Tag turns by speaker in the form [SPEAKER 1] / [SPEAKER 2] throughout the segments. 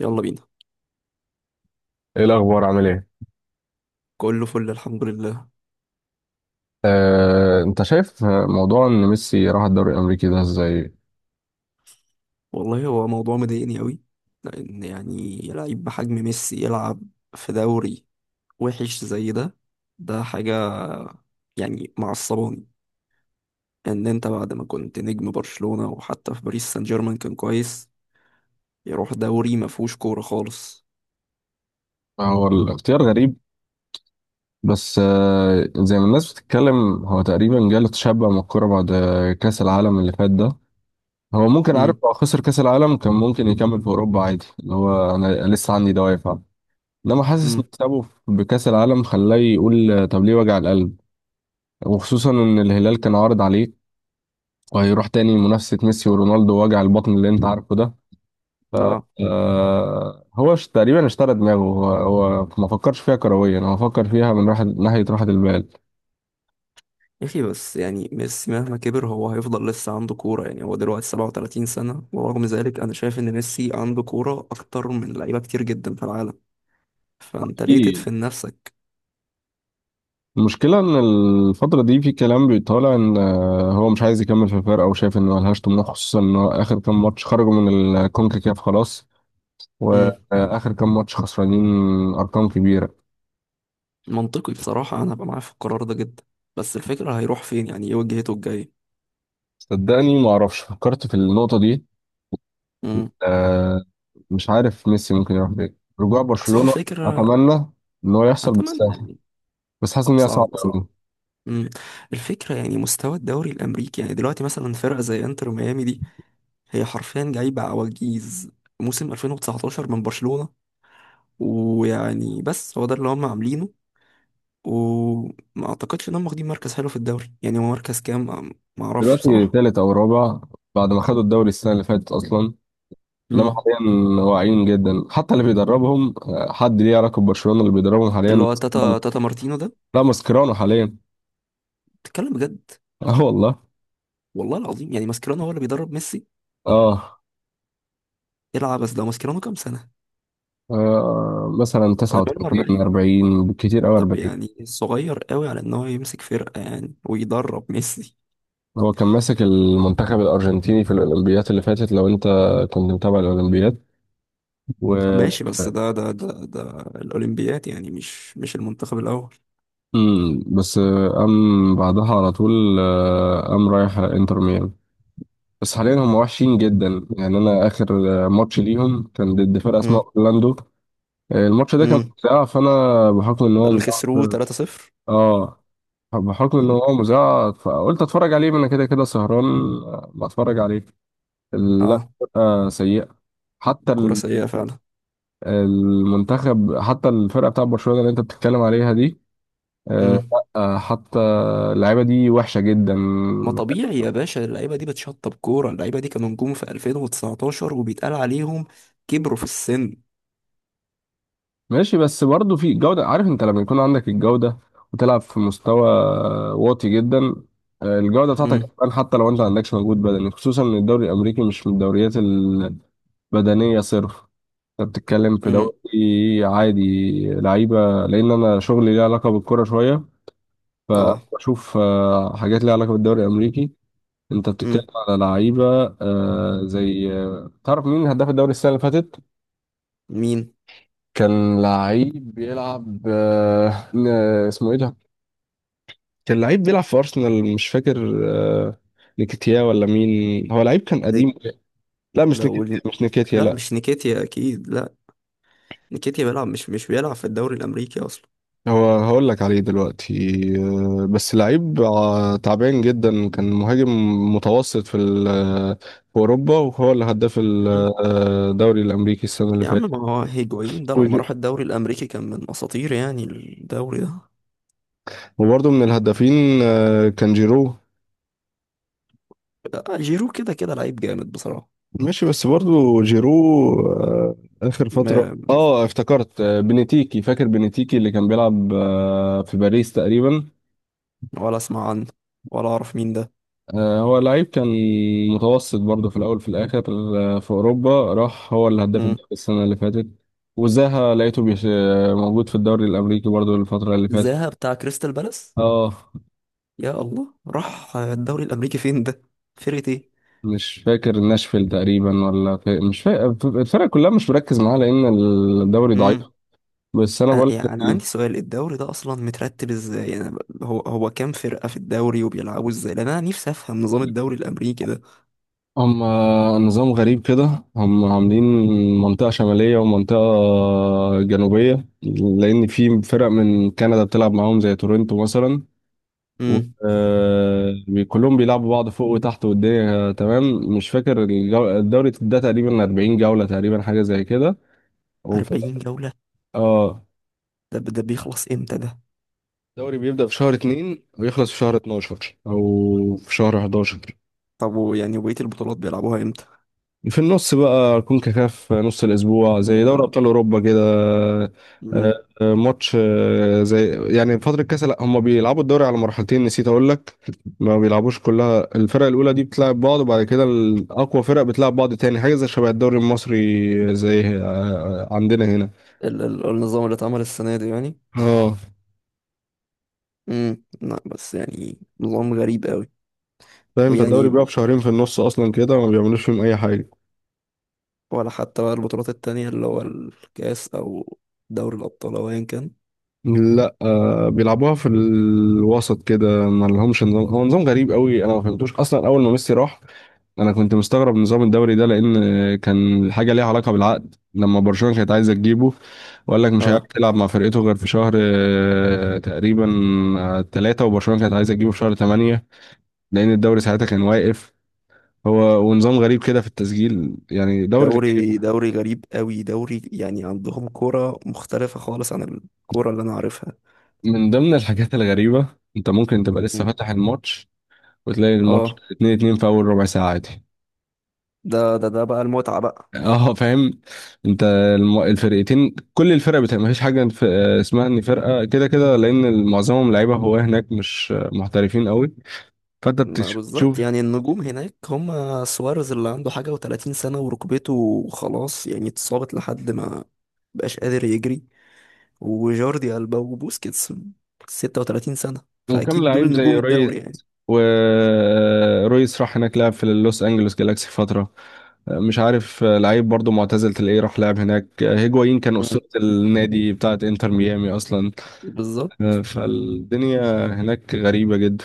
[SPEAKER 1] يلا بينا.
[SPEAKER 2] ايه الاخبار عامل ايه؟
[SPEAKER 1] كله فل، الحمد لله.
[SPEAKER 2] انت شايف موضوع ان ميسي راح الدوري الامريكي ده ازاي؟
[SPEAKER 1] والله هو موضوع مضايقني قوي، لان يعني لعيب بحجم ميسي يلعب في دوري وحش زي ده. ده حاجة يعني معصباني، ان انت بعد ما كنت نجم برشلونة وحتى في باريس سان جيرمان كان كويس، يروح دوري ما فيهوش كورة خالص.
[SPEAKER 2] هو الاختيار غريب، بس زي ما الناس بتتكلم هو تقريبا جاله تشبع من الكوره بعد كاس العالم اللي فات ده. هو ممكن عارف
[SPEAKER 1] امم
[SPEAKER 2] لو خسر كأس العالم كان ممكن يكمل في أوروبا عادي، اللي هو أنا لسه عندي دوافع. إنما حاسس إن
[SPEAKER 1] امم
[SPEAKER 2] مكسبه بكأس العالم خلاه يقول طب ليه وجع القلب، وخصوصا إن الهلال كان عارض عليه، وهيروح تاني منافسة ميسي ورونالدو وجع البطن اللي أنت عارفه ده. ف
[SPEAKER 1] اه
[SPEAKER 2] آه، هو تقريبا اشترى دماغه، هو ما فكرش فيها كرويا، هو فكر فيها من راحة ناحية راحة
[SPEAKER 1] يا اخي بس يعني ميسي مهما كبر هو هيفضل لسه عنده كورة. يعني هو دلوقتي 37 سنة، ورغم ذلك انا شايف ان ميسي عنده كورة اكتر من لعيبة كتير جدا في العالم. فانت ليه
[SPEAKER 2] البال.
[SPEAKER 1] تدفن نفسك؟
[SPEAKER 2] المشكلة إن الفترة دي في كلام بيطالع إن هو مش عايز يكمل في الفرقة وشايف إن ملهاش طموح، خصوصا إن هو آخر كام ماتش خرجوا من الكونكاكاف خلاص،
[SPEAKER 1] امم
[SPEAKER 2] وآخر كام ماتش خسرانين أرقام كبيرة.
[SPEAKER 1] منطقي بصراحة، انا هبقى معاه في القرار ده جدا. بس الفكرة، هيروح فين؟ يعني ايه وجهته الجاية؟
[SPEAKER 2] صدقني معرفش، فكرت في النقطة دي.
[SPEAKER 1] امم
[SPEAKER 2] آه، مش عارف ميسي ممكن يروح فين، رجوع
[SPEAKER 1] اصل هو
[SPEAKER 2] برشلونة
[SPEAKER 1] الفكرة.
[SPEAKER 2] أتمنى إن هو يحصل
[SPEAKER 1] اتمنى
[SPEAKER 2] بالساحة،
[SPEAKER 1] يعني.
[SPEAKER 2] بس حاسس إن هي
[SPEAKER 1] صعب
[SPEAKER 2] صعبة
[SPEAKER 1] صعب.
[SPEAKER 2] أوي.
[SPEAKER 1] امم الفكرة يعني مستوى الدوري الامريكي. يعني دلوقتي مثلا فرقة زي انتر ميامي دي، هي حرفيا جايبة عواجيز موسم 2019 من برشلونة. ويعني بس هو ده اللي هم عاملينه، وما اعتقدش انهم واخدين مركز حلو في الدوري. يعني هو مركز كام؟ ما اعرفش
[SPEAKER 2] دلوقتي
[SPEAKER 1] بصراحة.
[SPEAKER 2] تالت أو رابع بعد ما خدوا الدوري السنة اللي فاتت أصلا. انما
[SPEAKER 1] امم
[SPEAKER 2] حاليا واعيين جدا، حتى اللي بيدربهم حد ليه علاقه ببرشلونه، اللي بيدربهم حاليا
[SPEAKER 1] اللي هو
[SPEAKER 2] ماسكيرانو.
[SPEAKER 1] تاتا مارتينو ده؟
[SPEAKER 2] لا، ماسكيرانو حاليا.
[SPEAKER 1] تتكلم بجد؟
[SPEAKER 2] اه والله.
[SPEAKER 1] والله العظيم، يعني ماسكيرانو هو اللي بيدرب ميسي؟
[SPEAKER 2] اه.
[SPEAKER 1] العب. بس ده ماسكيرانو كام سنة؟
[SPEAKER 2] مثلا
[SPEAKER 1] ده بيلم
[SPEAKER 2] 39
[SPEAKER 1] 40.
[SPEAKER 2] 40 بالكتير قوي
[SPEAKER 1] طب
[SPEAKER 2] 40.
[SPEAKER 1] يعني صغير قوي على ان هو يمسك فرقة يعني ويدرب ميسي.
[SPEAKER 2] هو كان ماسك المنتخب الارجنتيني في الاولمبيات اللي فاتت، لو انت كنت متابع الاولمبيات. و
[SPEAKER 1] طب
[SPEAKER 2] آه،
[SPEAKER 1] ماشي، بس ده الأولمبياد، يعني مش المنتخب الأول.
[SPEAKER 2] بس قام بعدها على طول، قام رايح انتر ميامي. بس حاليا هم وحشين جدا. يعني انا اخر ماتش ليهم كان ضد فرقه اسمها
[SPEAKER 1] امم
[SPEAKER 2] اورلاندو. الماتش ده كان
[SPEAKER 1] امم
[SPEAKER 2] مذاع، فانا بحكم ان
[SPEAKER 1] ده
[SPEAKER 2] هو
[SPEAKER 1] اللي خسروه 3-0.
[SPEAKER 2] اه، بحكم ان
[SPEAKER 1] مم.
[SPEAKER 2] هو مذاع فقلت اتفرج عليه، ما انا كده كده سهران. بتفرج عليه. لا،
[SPEAKER 1] اه،
[SPEAKER 2] سيئه. حتى
[SPEAKER 1] كورة
[SPEAKER 2] ال-
[SPEAKER 1] سيئة فعلا.
[SPEAKER 2] المنتخب، حتى الفرقه بتاع برشلونه اللي انت بتتكلم عليها دي، آه
[SPEAKER 1] مم.
[SPEAKER 2] لا آه، حتى اللعيبه دي وحشه جدا.
[SPEAKER 1] ما طبيعي يا باشا، اللعيبة دي بتشطب كورة. اللعيبة دي كانوا نجوم في 2019، وبيتقال عليهم كبروا في السن.
[SPEAKER 2] ماشي، بس برضه في جودة. عارف انت لما يكون عندك الجودة وتلعب في مستوى واطي جدا، الجودة بتاعتك
[SPEAKER 1] امم
[SPEAKER 2] هتبان حتى لو انت ما عندكش مجهود بدني، خصوصا ان الدوري الامريكي مش من الدوريات البدنية صرف. انت بتتكلم في
[SPEAKER 1] امم
[SPEAKER 2] دوري عادي، لعيبة. لان انا شغلي ليه علاقة بالكرة شوية،
[SPEAKER 1] اه
[SPEAKER 2] فبشوف حاجات ليها علاقة بالدوري الامريكي. انت بتتكلم
[SPEAKER 1] امم
[SPEAKER 2] على لعيبة زي تعرف مين هداف الدوري السنة اللي فاتت؟
[SPEAKER 1] مين؟
[SPEAKER 2] كان لعيب بيلعب اسمه ايه ده؟ كان لعيب بيلعب في أرسنال، مش فاكر. آه، نيكيتيا ولا مين، هو لعيب كان قديم. لا، مش
[SPEAKER 1] لو
[SPEAKER 2] نيكيتيا مش نيكيتيا
[SPEAKER 1] لا،
[SPEAKER 2] لا.
[SPEAKER 1] مش نيكيتيا اكيد لا. نيكيتيا بيلعب مش مش بيلعب في الدوري الامريكي اصلا.
[SPEAKER 2] هو هقول لك عليه دلوقتي. بس لعيب تعبان جدا، كان مهاجم متوسط في ال- آه، في أوروبا، وهو اللي هداف ال-
[SPEAKER 1] مم.
[SPEAKER 2] آه، الدوري الأمريكي السنة اللي
[SPEAKER 1] يا عم،
[SPEAKER 2] فاتت.
[SPEAKER 1] ما هو هيجوين ده لما
[SPEAKER 2] وج-
[SPEAKER 1] راح الدوري الامريكي كان من اساطير يعني الدوري ده.
[SPEAKER 2] وبرضه من الهدافين كان جيرو.
[SPEAKER 1] جيرو كده كده لعيب جامد بصراحه.
[SPEAKER 2] ماشي، بس برضو جيرو آه، آخر فترة.
[SPEAKER 1] ما
[SPEAKER 2] اه افتكرت، بنتيكي، فاكر بنتيكي اللي كان بيلعب في باريس تقريبا.
[SPEAKER 1] ولا اسمع عنه ولا اعرف مين ده.
[SPEAKER 2] هو لعيب كان متوسط برضه في الاول، في الاخر في اوروبا، راح هو اللي هداف
[SPEAKER 1] مم.
[SPEAKER 2] الدوري السنه اللي فاتت. وزاها لقيته بيش آه، موجود في الدوري الامريكي برضه الفتره اللي فاتت.
[SPEAKER 1] زاها بتاع كريستال بالاس؟
[SPEAKER 2] اه.
[SPEAKER 1] يا الله، راح الدوري الامريكي فين ده؟ فرقه ايه؟
[SPEAKER 2] مش فاكر ناشفيل تقريبا، مش فاكر الفرق كلها، مش مركز معاها لان الدوري ضعيف.
[SPEAKER 1] مم.
[SPEAKER 2] بس انا بقول
[SPEAKER 1] أنا
[SPEAKER 2] لك
[SPEAKER 1] يعني أنا عندي سؤال، الدوري ده أصلا مترتب إزاي؟ يعني هو كام فرقة في الدوري وبيلعبوا إزاي؟ لأن أنا نفسي أفهم نظام الدوري الأمريكي ده.
[SPEAKER 2] هم نظام غريب كده هم عاملين، منطقة شمالية ومنطقة جنوبية، لأن في فرق من كندا بتلعب معاهم زي تورنتو مثلا.
[SPEAKER 1] امم
[SPEAKER 2] كلهم بيلعبوا بعض فوق وتحت والدنيا تمام. مش فاكر، الدوري ده تقريبا 40 جولة تقريبا، حاجة زي كده. وفي ال-
[SPEAKER 1] 40 جولة؟
[SPEAKER 2] اه،
[SPEAKER 1] ده بيخلص إمتى ده؟
[SPEAKER 2] الدوري بيبدأ في شهر 2 ويخلص في شهر 12 أو في شهر 11.
[SPEAKER 1] طب ويعني وبقية البطولات بيلعبوها إمتى
[SPEAKER 2] في النص بقى كونكاكاف نص الأسبوع زي دوري
[SPEAKER 1] ده؟
[SPEAKER 2] أبطال أوروبا كده. آه،
[SPEAKER 1] امم
[SPEAKER 2] ماتش زي يعني فترة كاس. لا، هم بيلعبوا الدوري على مرحلتين، نسيت أقول لك. ما بيلعبوش كلها الفرق الأولى دي بتلعب بعض، وبعد كده الأقوى فرق بتلعب بعض تاني، حاجة زي شبه الدوري المصري زي عندنا هنا.
[SPEAKER 1] ال النظام اللي اتعمل السنة دي يعني؟
[SPEAKER 2] اه
[SPEAKER 1] لا، بس يعني نظام غريب قوي.
[SPEAKER 2] فاهم، فالدوري
[SPEAKER 1] ويعني
[SPEAKER 2] بيقف شهرين في النص أصلا كده، ما بيعملوش فيهم أي حاجة.
[SPEAKER 1] ولا حتى بقى البطولات التانية، اللي هو الكاس أو دوري الأبطال أو أيا كان؟
[SPEAKER 2] لا بيلعبوها في الوسط كده، ما لهمش نظام، هو نظام غريب قوي. انا ما فهمتوش اصلا اول ما ميسي راح، انا كنت مستغرب نظام الدوري ده، لان كان حاجه ليها علاقه بالعقد لما برشلونه كانت عايزه تجيبه، وقال لك مش هيعرف
[SPEAKER 1] اه،
[SPEAKER 2] يلعب مع فرقته غير في شهر تقريبا ثلاثة، وبرشلونه كانت عايزه تجيبه في شهر ثمانية لان الدوري ساعتها كان واقف. هو ونظام غريب كده في التسجيل، يعني دوري غريب.
[SPEAKER 1] دوري غريب قوي. دوري يعني عندهم كورة مختلفة خالص عن الكورة اللي أنا عارفها.
[SPEAKER 2] من ضمن الحاجات الغريبه، انت ممكن تبقى لسه
[SPEAKER 1] مم.
[SPEAKER 2] فاتح الماتش وتلاقي الماتش
[SPEAKER 1] اه،
[SPEAKER 2] 2-2 في اول ربع ساعه عادي.
[SPEAKER 1] ده بقى المتعة بقى.
[SPEAKER 2] اه فاهم. انت الفرقتين، كل الفرق بتبقى مفيش حاجه في اسمها ان فرقه كده كده، لان معظمهم لعيبه هو هناك مش محترفين قوي، فانت
[SPEAKER 1] لا،
[SPEAKER 2] بتشوف.
[SPEAKER 1] بالظبط، يعني النجوم هناك هم سواريز اللي عنده حاجة وتلاتين سنة وركبته خلاص يعني اتصابت لحد ما بقاش قادر يجري. وجوردي ألبا وبوسكيتس 36 سنة.
[SPEAKER 2] وكم
[SPEAKER 1] فأكيد دول
[SPEAKER 2] لعيب زي
[SPEAKER 1] نجوم
[SPEAKER 2] ريس
[SPEAKER 1] الدوري يعني.
[SPEAKER 2] ورويس راح هناك لعب في لوس انجلوس جالاكسي فتره. مش عارف لعيب برضو معتزل تلاقيه راح لعب هناك. هيجوايين كان
[SPEAKER 1] مم.
[SPEAKER 2] اسطوره النادي بتاعت انتر ميامي اصلا.
[SPEAKER 1] بالظبط.
[SPEAKER 2] فالدنيا هناك غريبه جدا.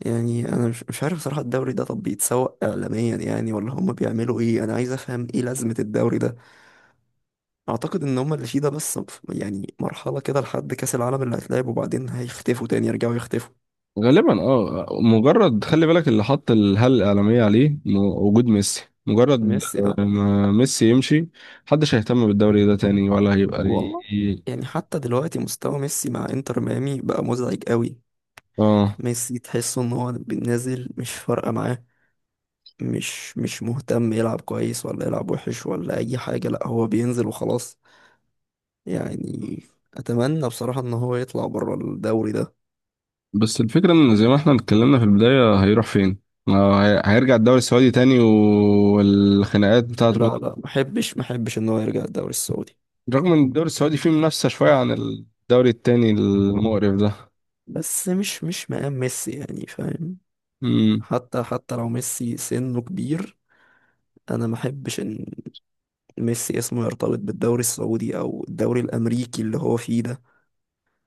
[SPEAKER 1] يعني انا مش عارف صراحة الدوري ده. طب بيتسوق اعلاميا يعني ولا هم بيعملوا ايه؟ انا عايز افهم ايه لازمة الدوري ده. اعتقد ان هم اللي فيه ده بس يعني مرحلة كده لحد كاس العالم اللي هيتلعب، وبعدين هيختفوا تاني، يرجعوا يختفوا.
[SPEAKER 2] غالبا اه، مجرد خلي بالك اللي حط الهالة الإعلامية عليه وجود ميسي مجرد
[SPEAKER 1] ميسي ده
[SPEAKER 2] ما ميسي يمشي محدش هيهتم بالدوري ده تاني ولا هيبقى ليه.
[SPEAKER 1] والله. يعني حتى دلوقتي مستوى ميسي مع انتر ميامي بقى مزعج قوي.
[SPEAKER 2] اه.
[SPEAKER 1] ميسي تحسه ان هو نازل، مش فارقة معاه. مش مهتم يلعب كويس ولا يلعب وحش ولا اي حاجة. لا هو بينزل وخلاص يعني. اتمنى بصراحة ان هو يطلع بره الدوري ده.
[SPEAKER 2] بس الفكرة ان زي ما احنا اتكلمنا في البداية، هيروح فين؟ ما هي- هيرجع الدوري السعودي تاني والخناقات بتاعته،
[SPEAKER 1] لا لا، ما احبش ما احبش ان هو يرجع الدوري السعودي.
[SPEAKER 2] رغم ان الدوري السعودي فيه منافسة شوية عن الدوري التاني المقرف
[SPEAKER 1] بس مش مقام ميسي يعني، فاهم؟
[SPEAKER 2] ده.
[SPEAKER 1] حتى لو ميسي سنه كبير، انا ما احبش ان ميسي اسمه يرتبط بالدوري السعودي او الدوري الامريكي اللي هو فيه ده.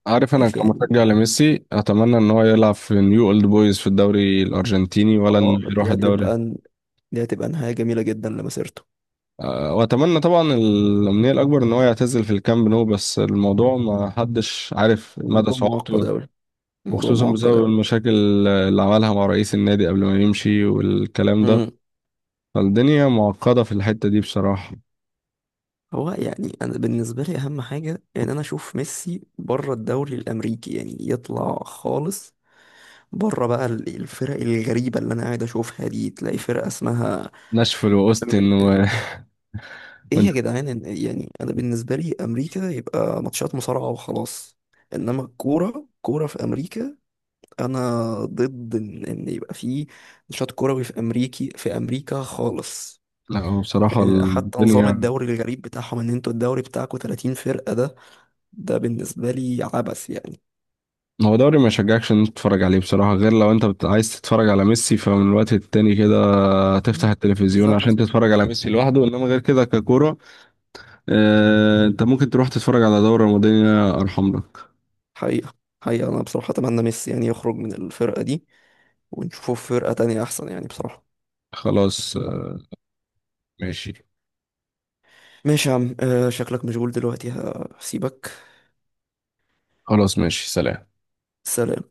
[SPEAKER 2] عارف
[SPEAKER 1] يا
[SPEAKER 2] انا
[SPEAKER 1] اخي يعني.
[SPEAKER 2] كمشجع لميسي اتمنى ان هو يلعب في نيو اولد بويز في الدوري الارجنتيني، ولا
[SPEAKER 1] اه،
[SPEAKER 2] انه يروح الدوري.
[SPEAKER 1] دي هتبقى نهاية جميلة جدا لمسيرته.
[SPEAKER 2] أه، واتمنى طبعا الامنيه الاكبر ان هو يعتزل في الكامب نو، بس الموضوع ما حدش عارف مدى
[SPEAKER 1] الموضوع معقد
[SPEAKER 2] صعوبته،
[SPEAKER 1] اوي. الموضوع
[SPEAKER 2] وخصوصا
[SPEAKER 1] معقد
[SPEAKER 2] بسبب المشاكل اللي عملها مع رئيس النادي قبل ما يمشي والكلام ده.
[SPEAKER 1] اوي.
[SPEAKER 2] فالدنيا معقده في الحته دي بصراحه.
[SPEAKER 1] هو يعني انا بالنسبه لي اهم حاجه ان انا اشوف ميسي بره الدوري الامريكي يعني يطلع خالص. بره بقى الفرق الغريبه اللي انا قاعد اشوفها دي، تلاقي فرقه اسمها
[SPEAKER 2] ناشفيل واوستن
[SPEAKER 1] ايه يا جدعان. يعني انا بالنسبه لي امريكا يبقى ماتشات مصارعه وخلاص. انما الكوره كوره، في امريكا انا ضد إن يبقى في نشاط كروي في امريكا خالص.
[SPEAKER 2] لا، هو بصراحه
[SPEAKER 1] حتى نظام
[SPEAKER 2] الدنيا،
[SPEAKER 1] الدوري الغريب بتاعهم، ان انتوا الدوري بتاعكم 30 فرقه ده، ده بالنسبة لي عبث يعني.
[SPEAKER 2] هو دوري ما يشجعكش ان انت تتفرج عليه بصراحة، غير لو انت عايز تتفرج على ميسي، فمن الوقت التاني كده تفتح
[SPEAKER 1] مم.
[SPEAKER 2] التلفزيون عشان
[SPEAKER 1] بالظبط.
[SPEAKER 2] تتفرج على ميسي لوحده، انما غير كده ككورة انت ممكن تروح تتفرج على دوري رمضاني ارحم لك.
[SPEAKER 1] حقيقة حقيقة، أنا بصراحة أتمنى ميسي يعني يخرج من الفرقة دي ونشوفه في فرقة تانية أحسن يعني بصراحة.
[SPEAKER 2] خلاص ماشي.
[SPEAKER 1] ماشي يا عم، شكلك مشغول دلوقتي، هسيبك.
[SPEAKER 2] خلاص ماشي، سلام.
[SPEAKER 1] سلام.